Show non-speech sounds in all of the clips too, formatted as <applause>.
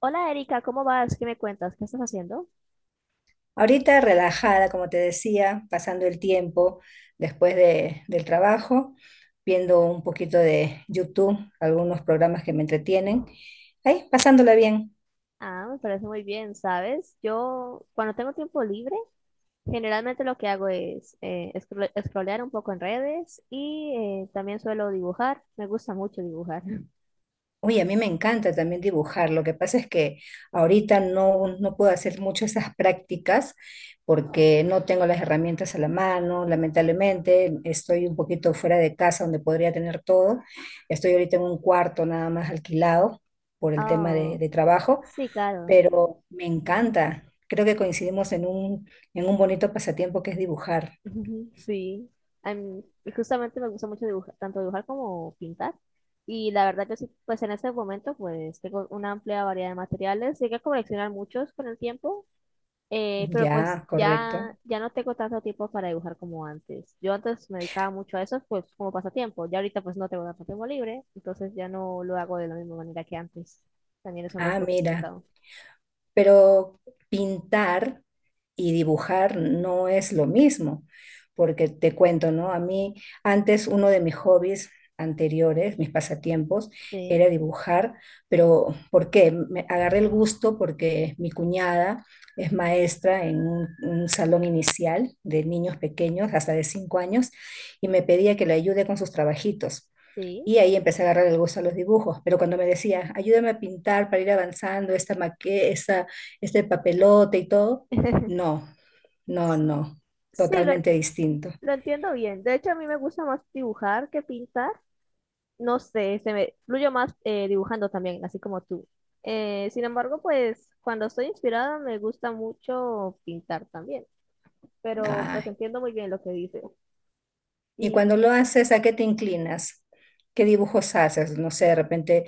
Hola Erika, ¿cómo vas? ¿Qué me cuentas? ¿Qué estás haciendo? Ahorita relajada, como te decía, pasando el tiempo del trabajo, viendo un poquito de YouTube, algunos programas que me entretienen, ahí pasándola bien. Ah, me parece muy bien, ¿sabes? Yo cuando tengo tiempo libre, generalmente lo que hago es scrollear un poco en redes, y también suelo dibujar. Me gusta mucho dibujar. <laughs> Uy, a mí me encanta también dibujar, lo que pasa es que ahorita no puedo hacer mucho esas prácticas porque no tengo las herramientas a la mano, lamentablemente estoy un poquito fuera de casa donde podría tener todo. Estoy ahorita en un cuarto nada más alquilado por el tema Ah, de trabajo, sí, claro. pero me encanta. Creo que coincidimos en un bonito pasatiempo que es dibujar. <laughs> Ujú, sí. Y justamente me gusta mucho dibujar, tanto dibujar como pintar. Y la verdad que sí, pues en este momento pues tengo una amplia variedad de materiales. Llegué a coleccionar muchos con el tiempo. Pero pues Ya, correcto. Ya no tengo tanto tiempo para dibujar como antes. Yo antes me dedicaba mucho a eso, pues como pasatiempo. Ya ahorita pues no tengo tanto tiempo libre, entonces ya no lo hago de la misma manera que antes. También eso es algo un Ah, poco mira, complicado. pero pintar y dibujar no es lo mismo, porque te cuento, ¿no? A mí antes uno de mis hobbies anteriores, mis pasatiempos, era Sí, dibujar, pero ¿por qué? Me agarré el gusto porque mi cuñada es maestra un salón inicial de niños pequeños, hasta de 5 años, y me pedía que le ayude con sus trabajitos. sí. Y ahí empecé a agarrar el gusto a los dibujos, pero cuando me decía, ayúdame a pintar para ir avanzando esta maqueta, esta este papelote y todo, <laughs> no, no, Sí, totalmente distinto. lo entiendo bien. De hecho, a mí me gusta más dibujar que pintar. No sé, se me fluyo más dibujando también, así como tú. Sin embargo, pues cuando estoy inspirada me gusta mucho pintar también. Pero pues Ah, entiendo muy bien lo que dices. y Y cuando lo haces, ¿a qué te inclinas? ¿Qué dibujos haces? No sé, de repente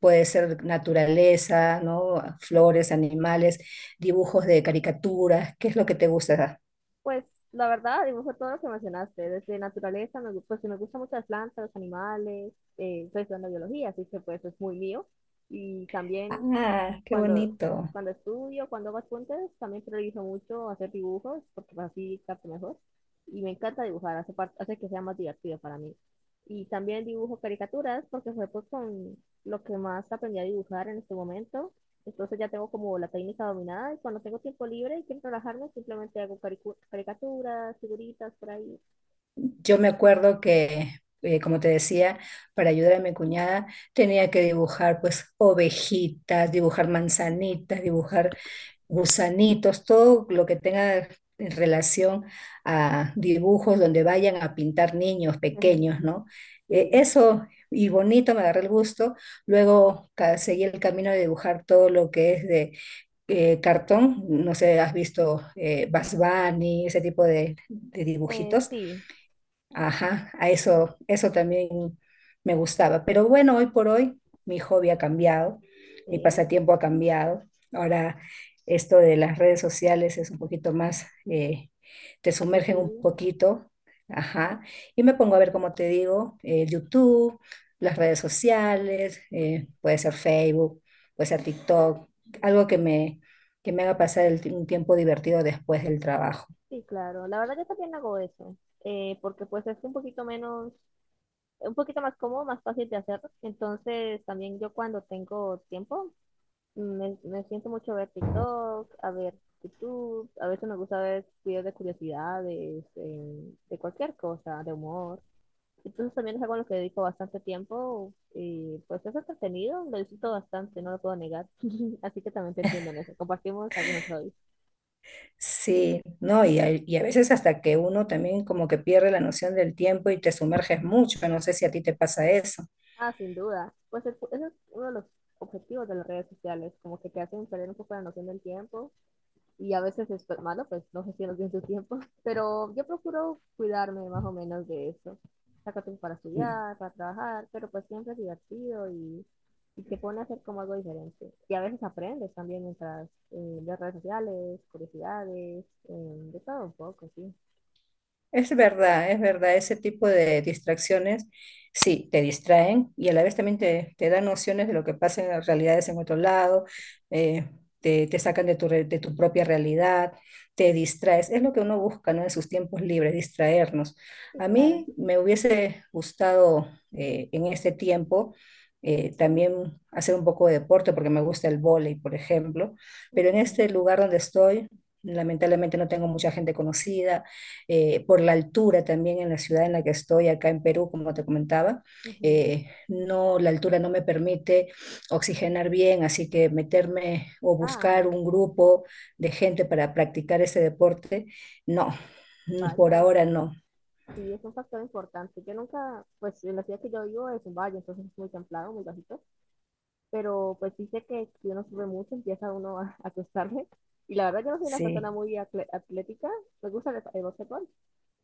puede ser naturaleza, ¿no? Flores, animales, dibujos de caricaturas, ¿qué es lo que te gusta? pues la verdad, dibujo todo lo que mencionaste, desde naturaleza, pues me gustan mucho las plantas, los animales, estoy estudiando biología, así que pues es muy mío. Y también Ah, qué cuando, bonito. cuando estudio, cuando hago apuntes, también priorizo mucho hacer dibujos, porque pues, así capto mejor. Y me encanta dibujar, hace que sea más divertido para mí. Y también dibujo caricaturas, porque fue pues con lo que más aprendí a dibujar en este momento. Entonces ya tengo como la técnica dominada y cuando tengo tiempo libre y quiero relajarme, simplemente hago caricaturas, figuritas por ahí. Yo me acuerdo que, como te decía, para ayudar a mi cuñada tenía que dibujar pues ovejitas, dibujar manzanitas, dibujar gusanitos, todo lo que tenga en relación a dibujos donde vayan a pintar niños <laughs> pequeños, ¿no? Sí, Eso y bonito, me agarré el gusto. Luego seguí el camino de dibujar todo lo que es de cartón, no sé, has visto Bugs Bunny, ese tipo de eh, dibujitos. sí, Ajá, a eso, eso también me gustaba. Pero bueno, hoy por hoy mi hobby ha cambiado, mi sí, pasatiempo ha cambiado. Ahora esto de las redes sociales es un poquito más, te sumergen un accesible. poquito, ajá. Y me pongo a ver, como te digo, YouTube, las redes sociales, puede ser Facebook, puede ser TikTok, algo que me haga pasar un tiempo divertido después del trabajo. Sí, claro. La verdad yo también hago eso, porque pues es un poquito menos, un poquito más cómodo, más fácil de hacer. Entonces también yo cuando tengo tiempo me siento mucho a ver TikTok, a ver YouTube, a veces me gusta ver videos de curiosidades, de cualquier cosa, de humor. Entonces también es algo a lo que dedico bastante tiempo y pues es entretenido, lo disfruto bastante, no lo puedo negar. <laughs> Así que también te entiendo en eso. Compartimos algunos hobbies. Sí, no, y a veces hasta que uno también como que pierde la noción del tiempo y te sumerges mucho, no sé si a ti te pasa eso. Ah, sin duda. Pues ese es uno de los objetivos de las redes sociales, como que te hacen perder un poco la noción del tiempo y a veces es pues, malo, pues no gestionas bien tu tiempo, <laughs> pero yo procuro cuidarme más o menos de eso. Saco tiempo para estudiar, para trabajar, pero pues siempre es divertido y te pone a hacer como algo diferente. Y a veces aprendes también mientras ves redes sociales, curiosidades, de todo un poco, sí. Es verdad, ese tipo de distracciones sí te distraen y a la vez también te dan nociones de lo que pasa en las realidades en otro lado, eh, te sacan de de tu propia realidad, te distraes. Es lo que uno busca, ¿no? En sus tiempos libres, distraernos. Sí, A claro. mí me hubiese gustado en este tiempo también hacer un poco de deporte porque me gusta el vóley, por ejemplo, pero en Mm, este lugar donde estoy, lamentablemente no tengo mucha gente conocida, por la altura también en la ciudad en la que estoy, acá en Perú, como te comentaba. ujú. No, la altura no me permite oxigenar bien, así que meterme o Ah, buscar un grupo de gente para practicar ese deporte, no, por vaya. ahora no, Sí, es un factor importante. Yo nunca, pues en la ciudad que yo vivo es un valle, entonces es muy templado, muy bajito, pero pues sí sé que si uno sube mucho empieza uno a acostarse. Y la verdad yo no soy una sí. persona muy atlética, me gusta el básquetbol.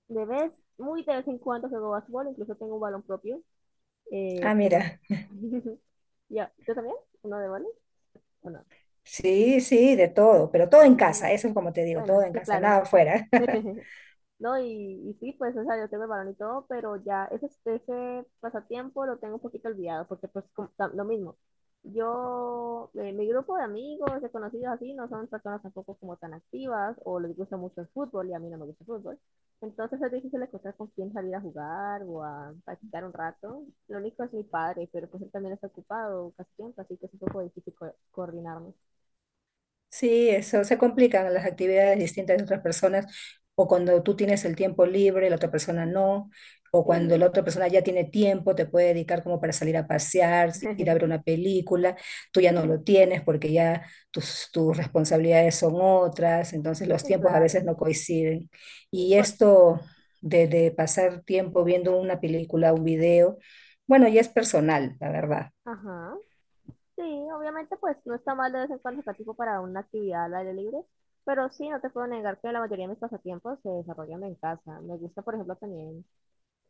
De vez, muy de vez en cuando juego básquetbol, incluso tengo un balón propio, Ah, pero... mira, <laughs> Ya, ¿tú también? ¿Uno de balón? ¿O no? sí, sí, de todo, pero todo Ah, en imagina. casa, eso es como te digo, Bueno, todo en sí, casa, claro. nada afuera. <laughs> <laughs> No, y sí, pues, o sea, yo tengo el balón y todo, pero ya ese pasatiempo lo tengo un poquito olvidado, porque pues lo mismo. Yo, mi grupo de amigos, de conocidos así, no son personas tampoco como tan activas, o les gusta mucho el fútbol, y a mí no me gusta el fútbol. Entonces es difícil encontrar con quién salir a jugar o a practicar un rato. Lo único es mi padre, pero pues él también está ocupado casi siempre, así que es un poco difícil coordinarnos. Sí, eso se complican las actividades distintas de otras personas, o cuando tú tienes el tiempo libre, la otra persona no, o cuando Sí, la otra persona ya tiene tiempo, te puede dedicar como para salir a pasear, ir a ver <laughs> una película, tú ya no lo tienes porque ya tus responsabilidades son otras, entonces los sí, tiempos a claro. veces no coinciden. Sí, Y por... esto de pasar tiempo viendo una película, un video, bueno, ya es personal, la verdad. Ajá. Sí, obviamente pues no está mal de vez en cuando sacar tiempo para una actividad al aire libre, pero sí, no te puedo negar que la mayoría de mis pasatiempos se desarrollan en casa. Me gusta, por ejemplo, también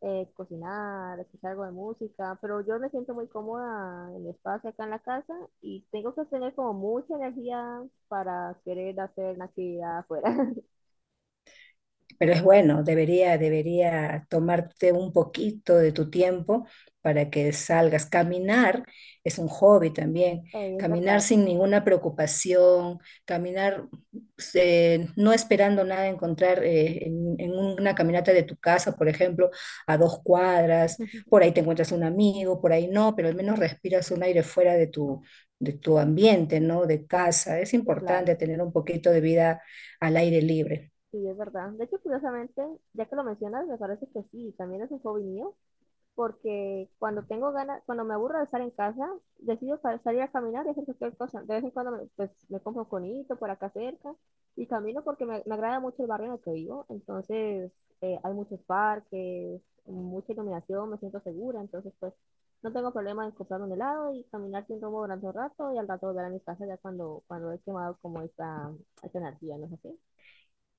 cocinar, escuchar algo de música, pero yo me siento muy cómoda en mi espacio acá en la casa y tengo que tener como mucha energía para querer hacer una actividad afuera. <laughs> Pero es bueno, debería tomarte un poquito de tu tiempo para que salgas. Caminar es un hobby también. Es Caminar verdad, sin ninguna preocupación, caminar no esperando nada encontrar en una caminata de tu casa, por ejemplo, a 2 cuadras. Por ahí te encuentras un amigo, por ahí no, pero al menos respiras un aire fuera de de tu ambiente, ¿no? De casa. Es sí, claro. importante tener un poquito de vida al aire libre. Sí, es verdad. De hecho, curiosamente, ya que lo mencionas, me parece que sí, también es un hobby mío porque cuando tengo ganas, cuando me aburro de estar en casa, decido salir a caminar y hacer cualquier cosa. De vez en cuando pues, me compro un conito por acá cerca y camino porque me agrada mucho el barrio en el que vivo. Entonces, hay muchos parques, mucha iluminación, me siento segura. Entonces, pues, no tengo problema en comprar un helado y caminar sin rumbo durante un rato y al rato volver a mi casa ya cuando he quemado como esta energía, ¿no es así?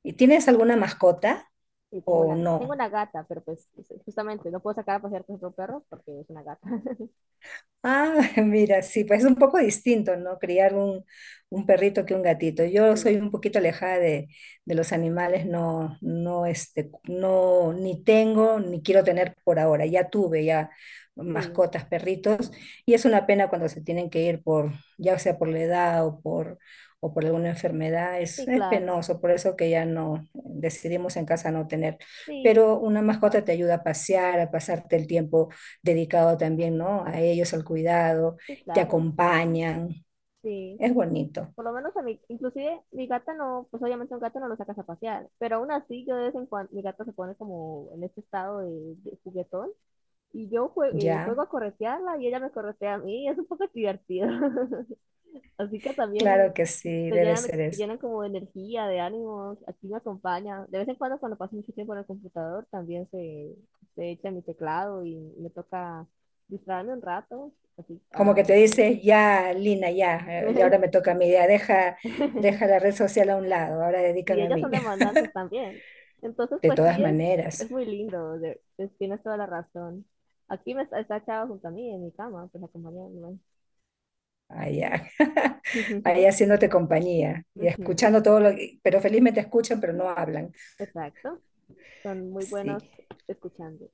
¿Y tienes alguna mascota Y o tengo no? una gata, pero pues justamente no puedo sacar a pasear con otro perro porque es una gata. <laughs> Ah, <laughs> mira, sí, pues es un poco distinto, ¿no? Criar un perrito que un gatito. Yo soy Sí. un poquito alejada de los animales, no, no, este, no, ni tengo, ni quiero tener por ahora. Ya tuve ya Sí, mascotas, perritos, y es una pena cuando se tienen que ir por, ya sea por la edad o por alguna enfermedad, sí, es claro. penoso, por eso que ya no decidimos en casa no tener. Sí, Pero una capaz. mascota te ayuda a pasear, a pasarte el tiempo dedicado también, ¿no? A ellos, al cuidado, Sí, te claro. acompañan, Sí. es bonito, Por lo menos a mí, inclusive mi gata no, pues obviamente un gato no lo sacas a pasear, pero aún así yo de vez en cuando, mi gata se pone como en este estado de juguetón y yo juego ¿ya? a corretearla y ella me corretea a mí, es un poco divertido. <laughs> Así que Claro también que sí, debe ser te eso. llenan como de energía, de ánimos, aquí me acompaña. De vez en cuando cuando paso mucho tiempo en el computador también se echa mi teclado y me toca distraerme un rato, así, Como que ah, te con ella. dices, ya, Lina, ya, y ahora me toca a mí, ya, deja <laughs> la red social a un lado, ahora Sí, dedícame a ellas son mí. <laughs> demandantes también. Entonces, De pues todas sí, maneras, es muy lindo, tienes toda la razón. Aquí me está echado junto a mí en mi cama, pues acompañándome. allá, <laughs> ahí <laughs> haciéndote compañía y Ujú, escuchando todo lo que, pero felizmente escuchan, pero no hablan. exacto, son muy buenos Sí. escuchando.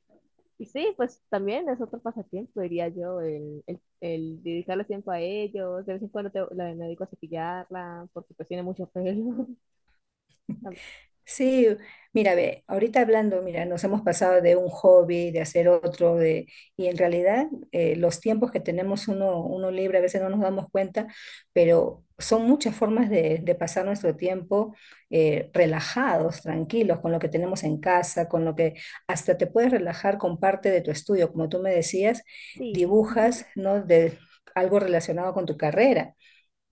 Y sí, pues también es otro pasatiempo, diría yo, el dedicarle tiempo a ellos. De vez en cuando me dedico a cepillarla porque pues tiene mucho pelo. <laughs> Tam- Sí, mira, ve, ahorita hablando, mira, nos hemos pasado de un hobby, de hacer otro, de, y en realidad los tiempos que tenemos uno libre a veces no nos damos cuenta, pero son muchas formas de pasar nuestro tiempo relajados, tranquilos, con lo que tenemos en casa, con lo que hasta te puedes relajar con parte de tu estudio, como tú me decías, sí, dibujas, ¿no? De, algo relacionado con tu carrera.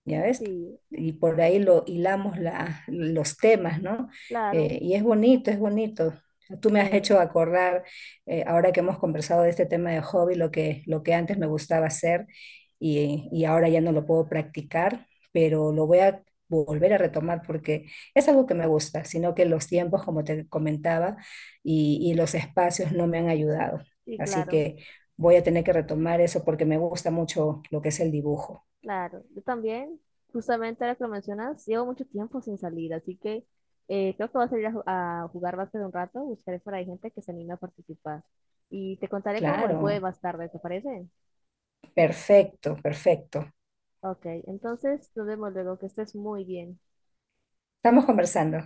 ¿Ya ves? sí, Y por ahí lo hilamos la, los temas, ¿no? claro, Y es bonito, es bonito. Tú me has sí, hecho acordar, ahora que hemos conversado de este tema de hobby, lo que antes me gustaba hacer y ahora ya no lo puedo practicar, pero lo voy a volver a retomar porque es algo que me gusta, sino que los tiempos, como te comentaba, y los espacios no me han ayudado. sí, Así claro, que voy a tener que retomar eso porque me gusta mucho lo que es el dibujo. claro. Yo también, justamente ahora que lo mencionas, llevo mucho tiempo sin salir, así que creo que voy a salir a, a jugar básquet un rato, buscaré por ahí gente que se anime a participar. Y te contaré cómo me fue Claro. más tarde, ¿te parece? Perfecto, perfecto. Ok, entonces nos vemos luego, que estés muy bien. Estamos conversando.